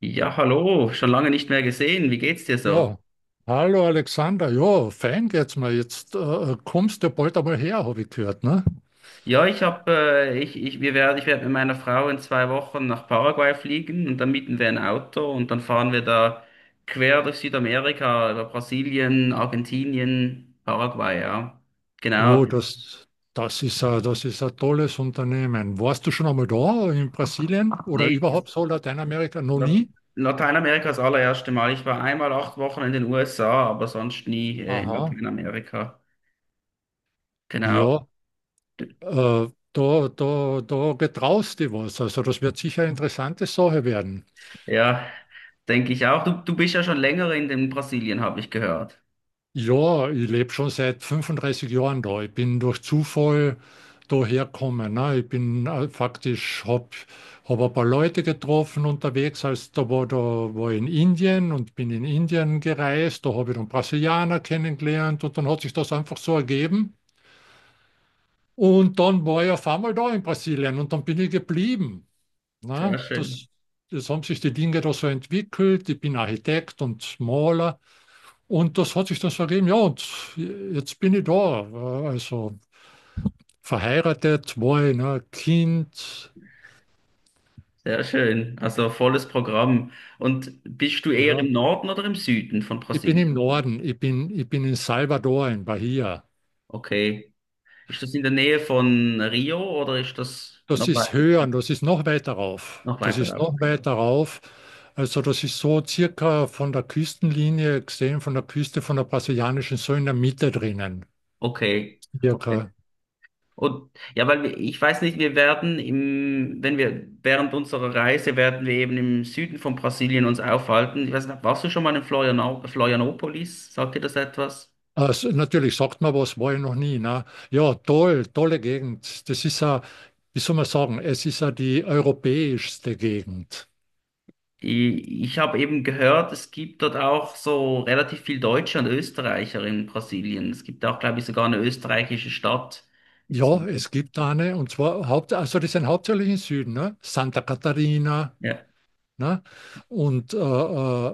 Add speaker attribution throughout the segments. Speaker 1: Ja, hallo, schon lange nicht mehr gesehen. Wie geht's dir so?
Speaker 2: Ja, hallo Alexander. Ja, fein geht's mir. Jetzt kommst du ja bald einmal her, habe ich gehört, ne?
Speaker 1: Ja, ich habe, ich, ich, wir werden, ich werde mit meiner Frau in 2 Wochen nach Paraguay fliegen und dann mieten wir ein Auto und dann fahren wir da quer durch Südamerika, über Brasilien, Argentinien, Paraguay, ja. Genau.
Speaker 2: Oh, das ist das ist ein tolles Unternehmen. Warst du schon einmal da in Brasilien oder
Speaker 1: Nee,
Speaker 2: überhaupt so Lateinamerika? Noch
Speaker 1: La-
Speaker 2: nie?
Speaker 1: Lateinamerika ist das allererste Mal. Ich war einmal 8 Wochen in den USA, aber sonst nie, in
Speaker 2: Aha.
Speaker 1: Lateinamerika. Genau.
Speaker 2: Ja, Äh, da getraust du was. Also das wird sicher eine interessante Sache werden.
Speaker 1: Ja, denke ich auch. Du bist ja schon länger in den Brasilien, habe ich gehört.
Speaker 2: Ja, ich lebe schon seit 35 Jahren da. Ich bin durch Zufall daher gekommen. Ne? Ich bin faktisch, habe hab ein paar Leute getroffen unterwegs. Als da war ich in Indien und bin in Indien gereist. Da habe ich dann Brasilianer kennengelernt und dann hat sich das einfach so ergeben. Und dann war ich auf einmal da in Brasilien und dann bin ich geblieben. Na,
Speaker 1: Sehr
Speaker 2: das,
Speaker 1: schön,
Speaker 2: Das haben sich die Dinge da so entwickelt. Ich bin Architekt und Maler und das hat sich dann so ergeben. Ja, und jetzt bin ich da. Also verheiratet, zwei, ne, Kind.
Speaker 1: sehr schön. Also volles Programm. Und bist du eher
Speaker 2: Ja.
Speaker 1: im Norden oder im Süden von
Speaker 2: Ich bin im
Speaker 1: Brasilien?
Speaker 2: Norden, ich bin in Salvador, in Bahia.
Speaker 1: Okay. Ist das in der Nähe von Rio oder ist das
Speaker 2: Das
Speaker 1: noch weit,
Speaker 2: ist höher und das ist noch weiter rauf.
Speaker 1: noch
Speaker 2: Das
Speaker 1: weiter
Speaker 2: ist
Speaker 1: rauf?
Speaker 2: noch weiter rauf. Also das ist so circa von der Küstenlinie gesehen, von der Küste von der brasilianischen, so in der Mitte drinnen.
Speaker 1: Okay, okay.
Speaker 2: Circa.
Speaker 1: Und ja, ich weiß nicht, wenn wir während unserer Reise werden wir eben im Süden von Brasilien uns aufhalten. Ich weiß nicht, warst du schon mal in Florianopolis? Sagt dir das etwas?
Speaker 2: Also natürlich sagt man was, war ich noch nie. Ne? Ja, toll, tolle Gegend. Das ist ja, wie soll man sagen, es ist ja die europäischste Gegend.
Speaker 1: Ich habe eben gehört, es gibt dort auch so relativ viel Deutsche und Österreicher in Brasilien. Es gibt auch, glaube ich, sogar eine österreichische Stadt.
Speaker 2: Ja, es
Speaker 1: So.
Speaker 2: gibt eine, und zwar Haupt, also die sind hauptsächlich im Süden, ne? Santa Catarina,
Speaker 1: Ja,
Speaker 2: ne? Und äh, äh,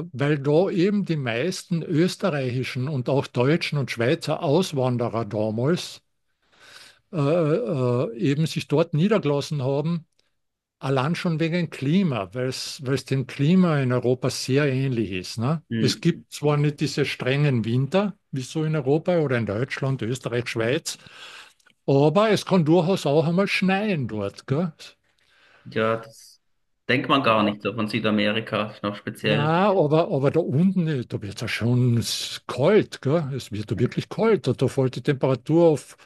Speaker 2: äh, weil da eben die meisten österreichischen und auch deutschen und Schweizer Auswanderer damals eben sich dort niedergelassen haben. Allein schon wegen Klima, weil es dem Klima in Europa sehr ähnlich ist. Ne? Es
Speaker 1: hm.
Speaker 2: gibt zwar nicht diese strengen Winter, wie so in Europa oder in Deutschland, Österreich, Schweiz, aber es kann durchaus auch einmal schneien dort. Gell?
Speaker 1: Ja, das denkt man gar
Speaker 2: Äh,
Speaker 1: nicht so von Südamerika. Ist noch speziell.
Speaker 2: na, aber da unten, da wird es ja schon kalt. Gell? Es wird da wirklich kalt. Da fällt die Temperatur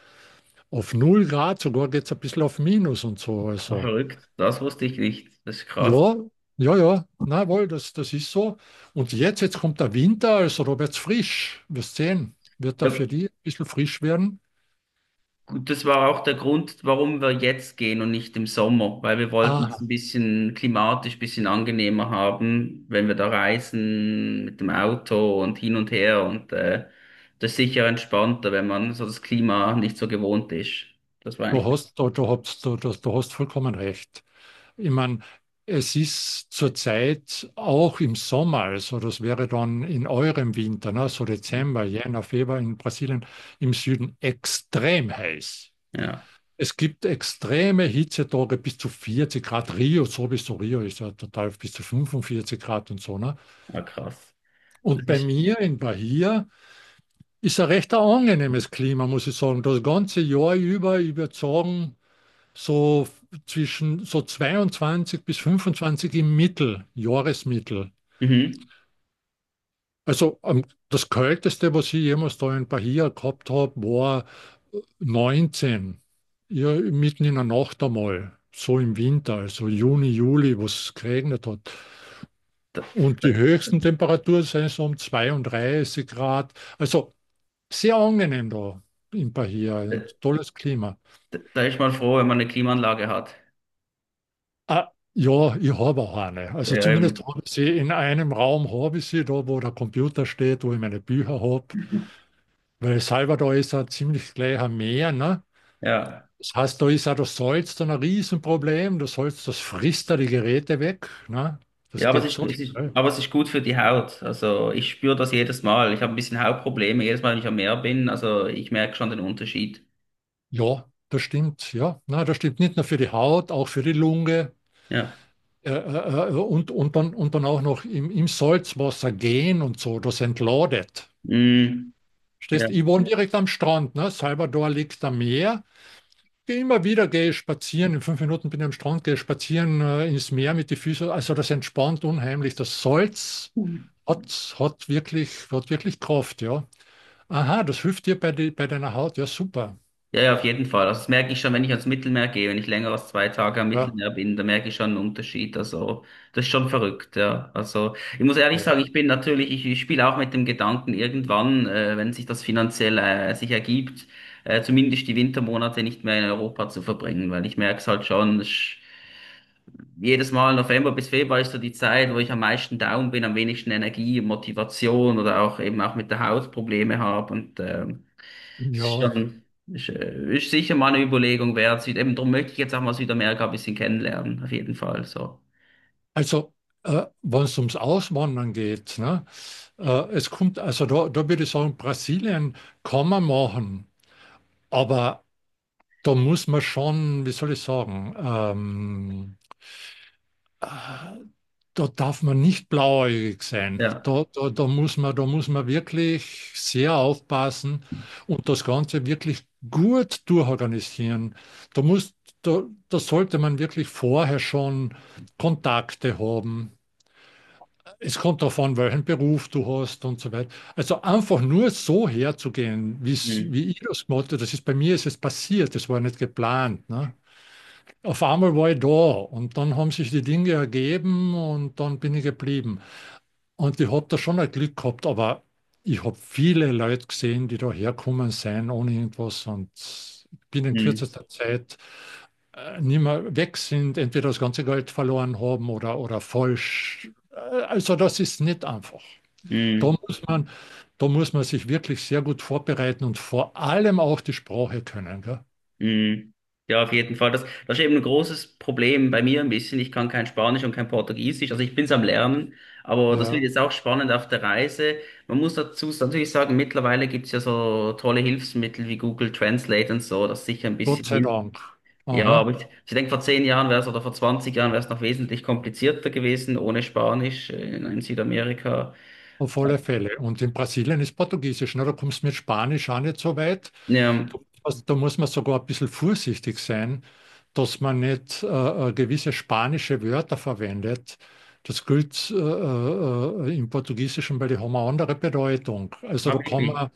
Speaker 2: auf null Grad, sogar geht es ein bisschen auf Minus und so.
Speaker 1: Aber
Speaker 2: Also.
Speaker 1: verrückt. Das wusste ich nicht. Das ist krass.
Speaker 2: Ja, ja, ja, na wohl, das, das ist so. Und jetzt kommt der Winter, also da wird's frisch. Wirst sehen, wird da
Speaker 1: Ja,
Speaker 2: für die ein bisschen frisch werden.
Speaker 1: und das war auch der Grund, warum wir jetzt gehen und nicht im Sommer, weil wir wollten es
Speaker 2: Ah,
Speaker 1: ein bisschen klimatisch, ein bisschen angenehmer haben, wenn wir da reisen mit dem Auto und hin und her. Und das ist sicher entspannter, wenn man so das Klima nicht so gewohnt ist. Das war eigentlich,
Speaker 2: du hast vollkommen recht. Ich meine, es ist zurzeit auch im Sommer, also das wäre dann in eurem Winter, ne, so Dezember, Jänner, Februar in Brasilien im Süden extrem heiß.
Speaker 1: ja,
Speaker 2: Es gibt extreme Hitzetage bis zu 40 Grad. Rio, sowieso Rio ist ja total bis zu 45 Grad und so. Ne?
Speaker 1: war krass.
Speaker 2: Und
Speaker 1: Das
Speaker 2: bei
Speaker 1: ist,
Speaker 2: mir in Bahia ist ein recht angenehmes Klima, muss ich sagen. Das ganze Jahr über, ich würde sagen, so zwischen so 22 bis 25 im Mittel, Jahresmittel.
Speaker 1: mhm.
Speaker 2: Also das Kälteste, was ich jemals da in Bahia gehabt habe, war 19, ja, mitten in der Nacht einmal, so im Winter, also Juni, Juli, wo es geregnet hat.
Speaker 1: Da,
Speaker 2: Und
Speaker 1: da,
Speaker 2: die höchsten Temperaturen sind so um 32 Grad. Also sehr angenehm da in Bahia, ein tolles Klima.
Speaker 1: da ist man froh, wenn man eine Klimaanlage hat.
Speaker 2: Ah, ja, ich habe auch eine. Also zumindest
Speaker 1: Ähm,
Speaker 2: habe ich sie in einem Raum, habe ich sie da, wo der Computer steht, wo ich meine Bücher habe. Weil Salvador ist ein ziemlich gleicher Meer, ne?
Speaker 1: ja.
Speaker 2: Das heißt, da ist auch das Salz dann ein Riesenproblem. Das Salz, das frisst da die Geräte weg. Ne?
Speaker 1: Ja,
Speaker 2: Das geht so schnell.
Speaker 1: aber es ist gut für die Haut. Also ich spüre das jedes Mal. Ich habe ein bisschen Hautprobleme jedes Mal, wenn ich am Meer bin. Also ich merke schon den Unterschied.
Speaker 2: Ja, das stimmt. Ja, na, das stimmt nicht nur für die Haut, auch für die Lunge.
Speaker 1: Ja.
Speaker 2: Und dann auch noch im Salzwasser gehen und so. Das entladet.
Speaker 1: Mm, ja.
Speaker 2: Stehst, ich wohne direkt am Strand. Ne? Salvador liegt am Meer. Geh Immer wieder gehe ich spazieren. In 5 Minuten bin ich am Strand, gehe spazieren ins Meer mit den Füßen. Also das entspannt unheimlich. Das Salz
Speaker 1: Mhm.
Speaker 2: Hat wirklich Kraft, ja. Aha, das hilft dir bei deiner Haut, ja, super.
Speaker 1: Ja, ja, auf jeden Fall. Also das merke ich schon, wenn ich ans Mittelmeer gehe, wenn ich länger als 2 Tage am
Speaker 2: Ja,
Speaker 1: Mittelmeer bin, da merke ich schon einen Unterschied. Also das ist schon verrückt, ja. Also ich muss ehrlich sagen,
Speaker 2: ja.
Speaker 1: ich spiele auch mit dem Gedanken, irgendwann, wenn sich das finanziell sich ergibt, zumindest die Wintermonate nicht mehr in Europa zu verbringen, weil ich merke es halt schon. Jedes Mal November bis Februar ist so die Zeit, wo ich am meisten down bin, am wenigsten Energie, Motivation oder auch eben auch mit der Haut Probleme habe. Und es ist
Speaker 2: Ja,
Speaker 1: schon ist, ist sicher mal eine Überlegung wert. Eben darum möchte ich jetzt auch mal Südamerika ein bisschen kennenlernen, auf jeden Fall. So.
Speaker 2: also, wenn es ums Auswandern geht, ne, also da würde ich sagen, Brasilien kann man machen, aber da muss man schon, wie soll ich sagen, Ah, da darf man nicht blauäugig sein.
Speaker 1: Ja.
Speaker 2: Da muss da muss man wirklich sehr aufpassen und das Ganze wirklich gut durchorganisieren. Da muss, da, Da sollte man wirklich vorher schon Kontakte haben. Es kommt darauf an, welchen Beruf du hast und so weiter. Also einfach nur so herzugehen,
Speaker 1: Mm,
Speaker 2: wie ich das gemacht habe, das ist bei mir ist es passiert, das war nicht geplant, ne? Auf einmal war ich da und dann haben sich die Dinge ergeben und dann bin ich geblieben. Und ich habe da schon ein Glück gehabt, aber ich habe viele Leute gesehen, die da herkommen sind ohne irgendwas und bin in
Speaker 1: mm,
Speaker 2: kürzester Zeit nicht mehr weg sind, entweder das ganze Geld verloren haben oder falsch. Also das ist nicht einfach. Da
Speaker 1: mm.
Speaker 2: muss man, Da muss man sich wirklich sehr gut vorbereiten und vor allem auch die Sprache können. Gell?
Speaker 1: Mhm. Ja, auf jeden Fall. Das ist eben ein großes Problem bei mir ein bisschen. Ich kann kein Spanisch und kein Portugiesisch. Also ich bin's am Lernen, aber das wird
Speaker 2: Ja,
Speaker 1: jetzt auch spannend auf der Reise. Man muss dazu natürlich sagen, mittlerweile gibt's ja so tolle Hilfsmittel wie Google Translate und so, das sicher ein
Speaker 2: Gott
Speaker 1: bisschen
Speaker 2: sei
Speaker 1: hilft.
Speaker 2: Dank.
Speaker 1: Ja,
Speaker 2: Aha.
Speaker 1: aber ich denke, vor 10 Jahren wäre es oder vor 20 Jahren wäre es noch wesentlich komplizierter gewesen ohne Spanisch in Südamerika.
Speaker 2: Auf alle Fälle. Und in Brasilien ist Portugiesisch, ne? Da kommst du mit Spanisch auch nicht so weit.
Speaker 1: Ja,
Speaker 2: Also da muss man sogar ein bisschen vorsichtig sein, dass man nicht gewisse spanische Wörter verwendet. Das gilt im Portugiesischen, weil die haben eine andere Bedeutung. Also da
Speaker 1: aber
Speaker 2: kann
Speaker 1: wirklich.
Speaker 2: man,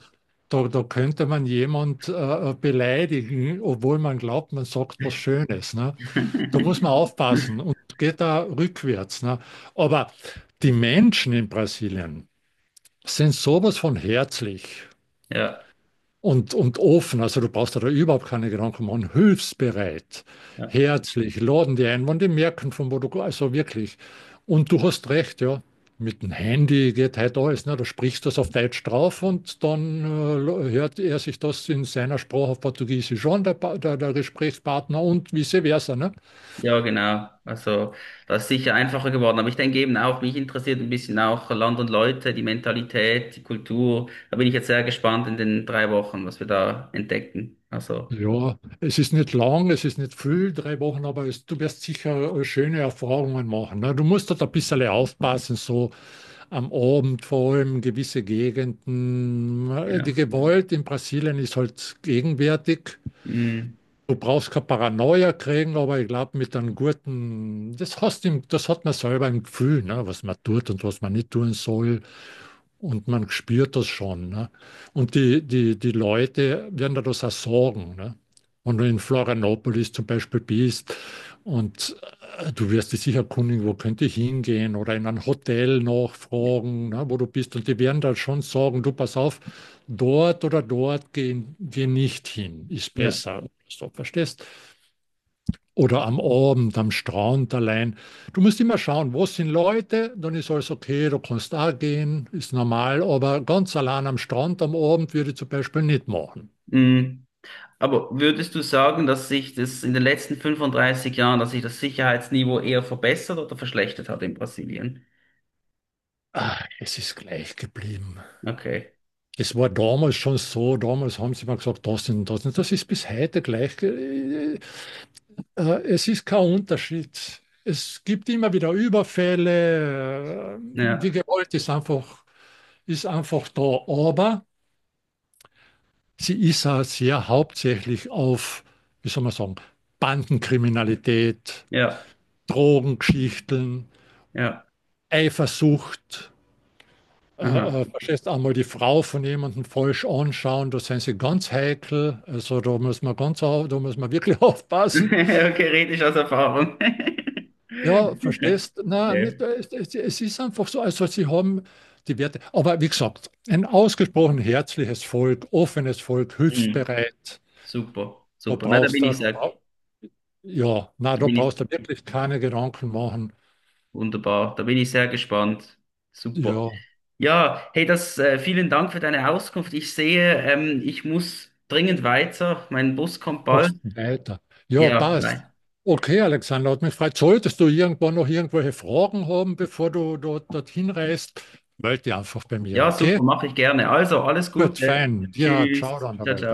Speaker 2: da, da könnte man jemand beleidigen, obwohl man glaubt, man sagt was Schönes, ne? Da muss man aufpassen und geht da rückwärts, ne? Aber die Menschen in Brasilien sind sowas von herzlich
Speaker 1: Ja.
Speaker 2: und offen. Also du brauchst dir da überhaupt keine Gedanken machen. Hilfsbereit, herzlich, laden die ein, wenn die merken, von wo du. Also wirklich. Und du hast recht, ja. Mit dem Handy geht halt alles. Ne? Du sprichst das auf Deutsch drauf und dann hört er sich das in seiner Sprache auf Portugiesisch an, der Gesprächspartner und vice versa. Ne?
Speaker 1: Ja, genau. Also das ist sicher einfacher geworden. Aber ich denke eben auch, mich interessiert ein bisschen auch Land und Leute, die Mentalität, die Kultur. Da bin ich jetzt sehr gespannt in den 3 Wochen, was wir da entdecken. Also,
Speaker 2: Ja, es ist nicht lang, es ist nicht viel, 3 Wochen, aber es, du wirst sicher schöne Erfahrungen machen. Ne? Du musst dort ein bisschen aufpassen, so am Abend vor allem gewisse Gegenden. Die
Speaker 1: ja.
Speaker 2: Gewalt in Brasilien ist halt gegenwärtig.
Speaker 1: Mm,
Speaker 2: Du brauchst keine Paranoia kriegen, aber ich glaube, mit einem guten, das hat man selber im Gefühl, ne? Was man tut und was man nicht tun soll. Und man spürt das schon. Ne? Und die Leute werden dadurch auch sorgen. Ne? Wenn du in Florianopolis zum Beispiel bist und du wirst dich sicher erkundigen, wo könnte ich hingehen oder in ein Hotel nachfragen, ne, wo du bist. Und die werden da schon sagen, du pass auf, dort oder dort geh nicht hin, ist
Speaker 1: ja.
Speaker 2: besser. So, verstehst? Oder am Abend, am Strand allein. Du musst immer schauen, wo sind Leute, dann ist alles okay, du kannst da gehen, ist normal, aber ganz allein am Strand am Abend würde ich zum Beispiel nicht machen.
Speaker 1: Mm. Aber würdest du sagen, dass sich das in den letzten 35 Jahren, dass sich das Sicherheitsniveau eher verbessert oder verschlechtert hat in Brasilien?
Speaker 2: Ah, es ist gleich geblieben.
Speaker 1: Okay.
Speaker 2: Es war damals schon so, damals haben sie mal gesagt, das und das und das ist bis heute gleich. Es ist kein Unterschied. Es gibt immer wieder Überfälle, die
Speaker 1: Ja,
Speaker 2: Gewalt ist ist einfach da, aber sie ist auch sehr hauptsächlich auf, wie soll man sagen, Bandenkriminalität,
Speaker 1: ja,
Speaker 2: Drogengeschichten,
Speaker 1: ja.
Speaker 2: Eifersucht. Äh,
Speaker 1: Aha.
Speaker 2: Verstehst, einmal die Frau von jemandem falsch anschauen, da sind sie ganz heikel. Also da muss man da muss man wirklich aufpassen.
Speaker 1: Okay, rede ich aus Erfahrung.
Speaker 2: Ja, verstehst?
Speaker 1: Ja.
Speaker 2: Nein, nicht, es ist einfach so. Also sie haben die Werte. Aber wie gesagt, ein ausgesprochen herzliches Volk, offenes Volk,
Speaker 1: Mhm.
Speaker 2: hilfsbereit.
Speaker 1: Super,
Speaker 2: Da
Speaker 1: super. Na,
Speaker 2: brauchst du, Ja, na,
Speaker 1: da
Speaker 2: da
Speaker 1: bin ich
Speaker 2: brauchst du wirklich keine Gedanken machen.
Speaker 1: wunderbar, da bin ich sehr gespannt. Super.
Speaker 2: Ja,
Speaker 1: Ja, hey, vielen Dank für deine Auskunft. Ich sehe, ich muss dringend weiter. Mein Bus kommt bald.
Speaker 2: machst weiter. Ja,
Speaker 1: Ja,
Speaker 2: passt.
Speaker 1: nein.
Speaker 2: Okay, Alexander, hat mich gefreut. Solltest du irgendwann noch irgendwelche Fragen haben, bevor du dorthin reist, melde dich einfach bei mir,
Speaker 1: Ja,
Speaker 2: okay?
Speaker 1: super, mache ich gerne. Also, alles
Speaker 2: Gut,
Speaker 1: Gute.
Speaker 2: fein. Ja, ciao
Speaker 1: Tschüss.
Speaker 2: dann
Speaker 1: Ciao,
Speaker 2: dabei.
Speaker 1: ciao.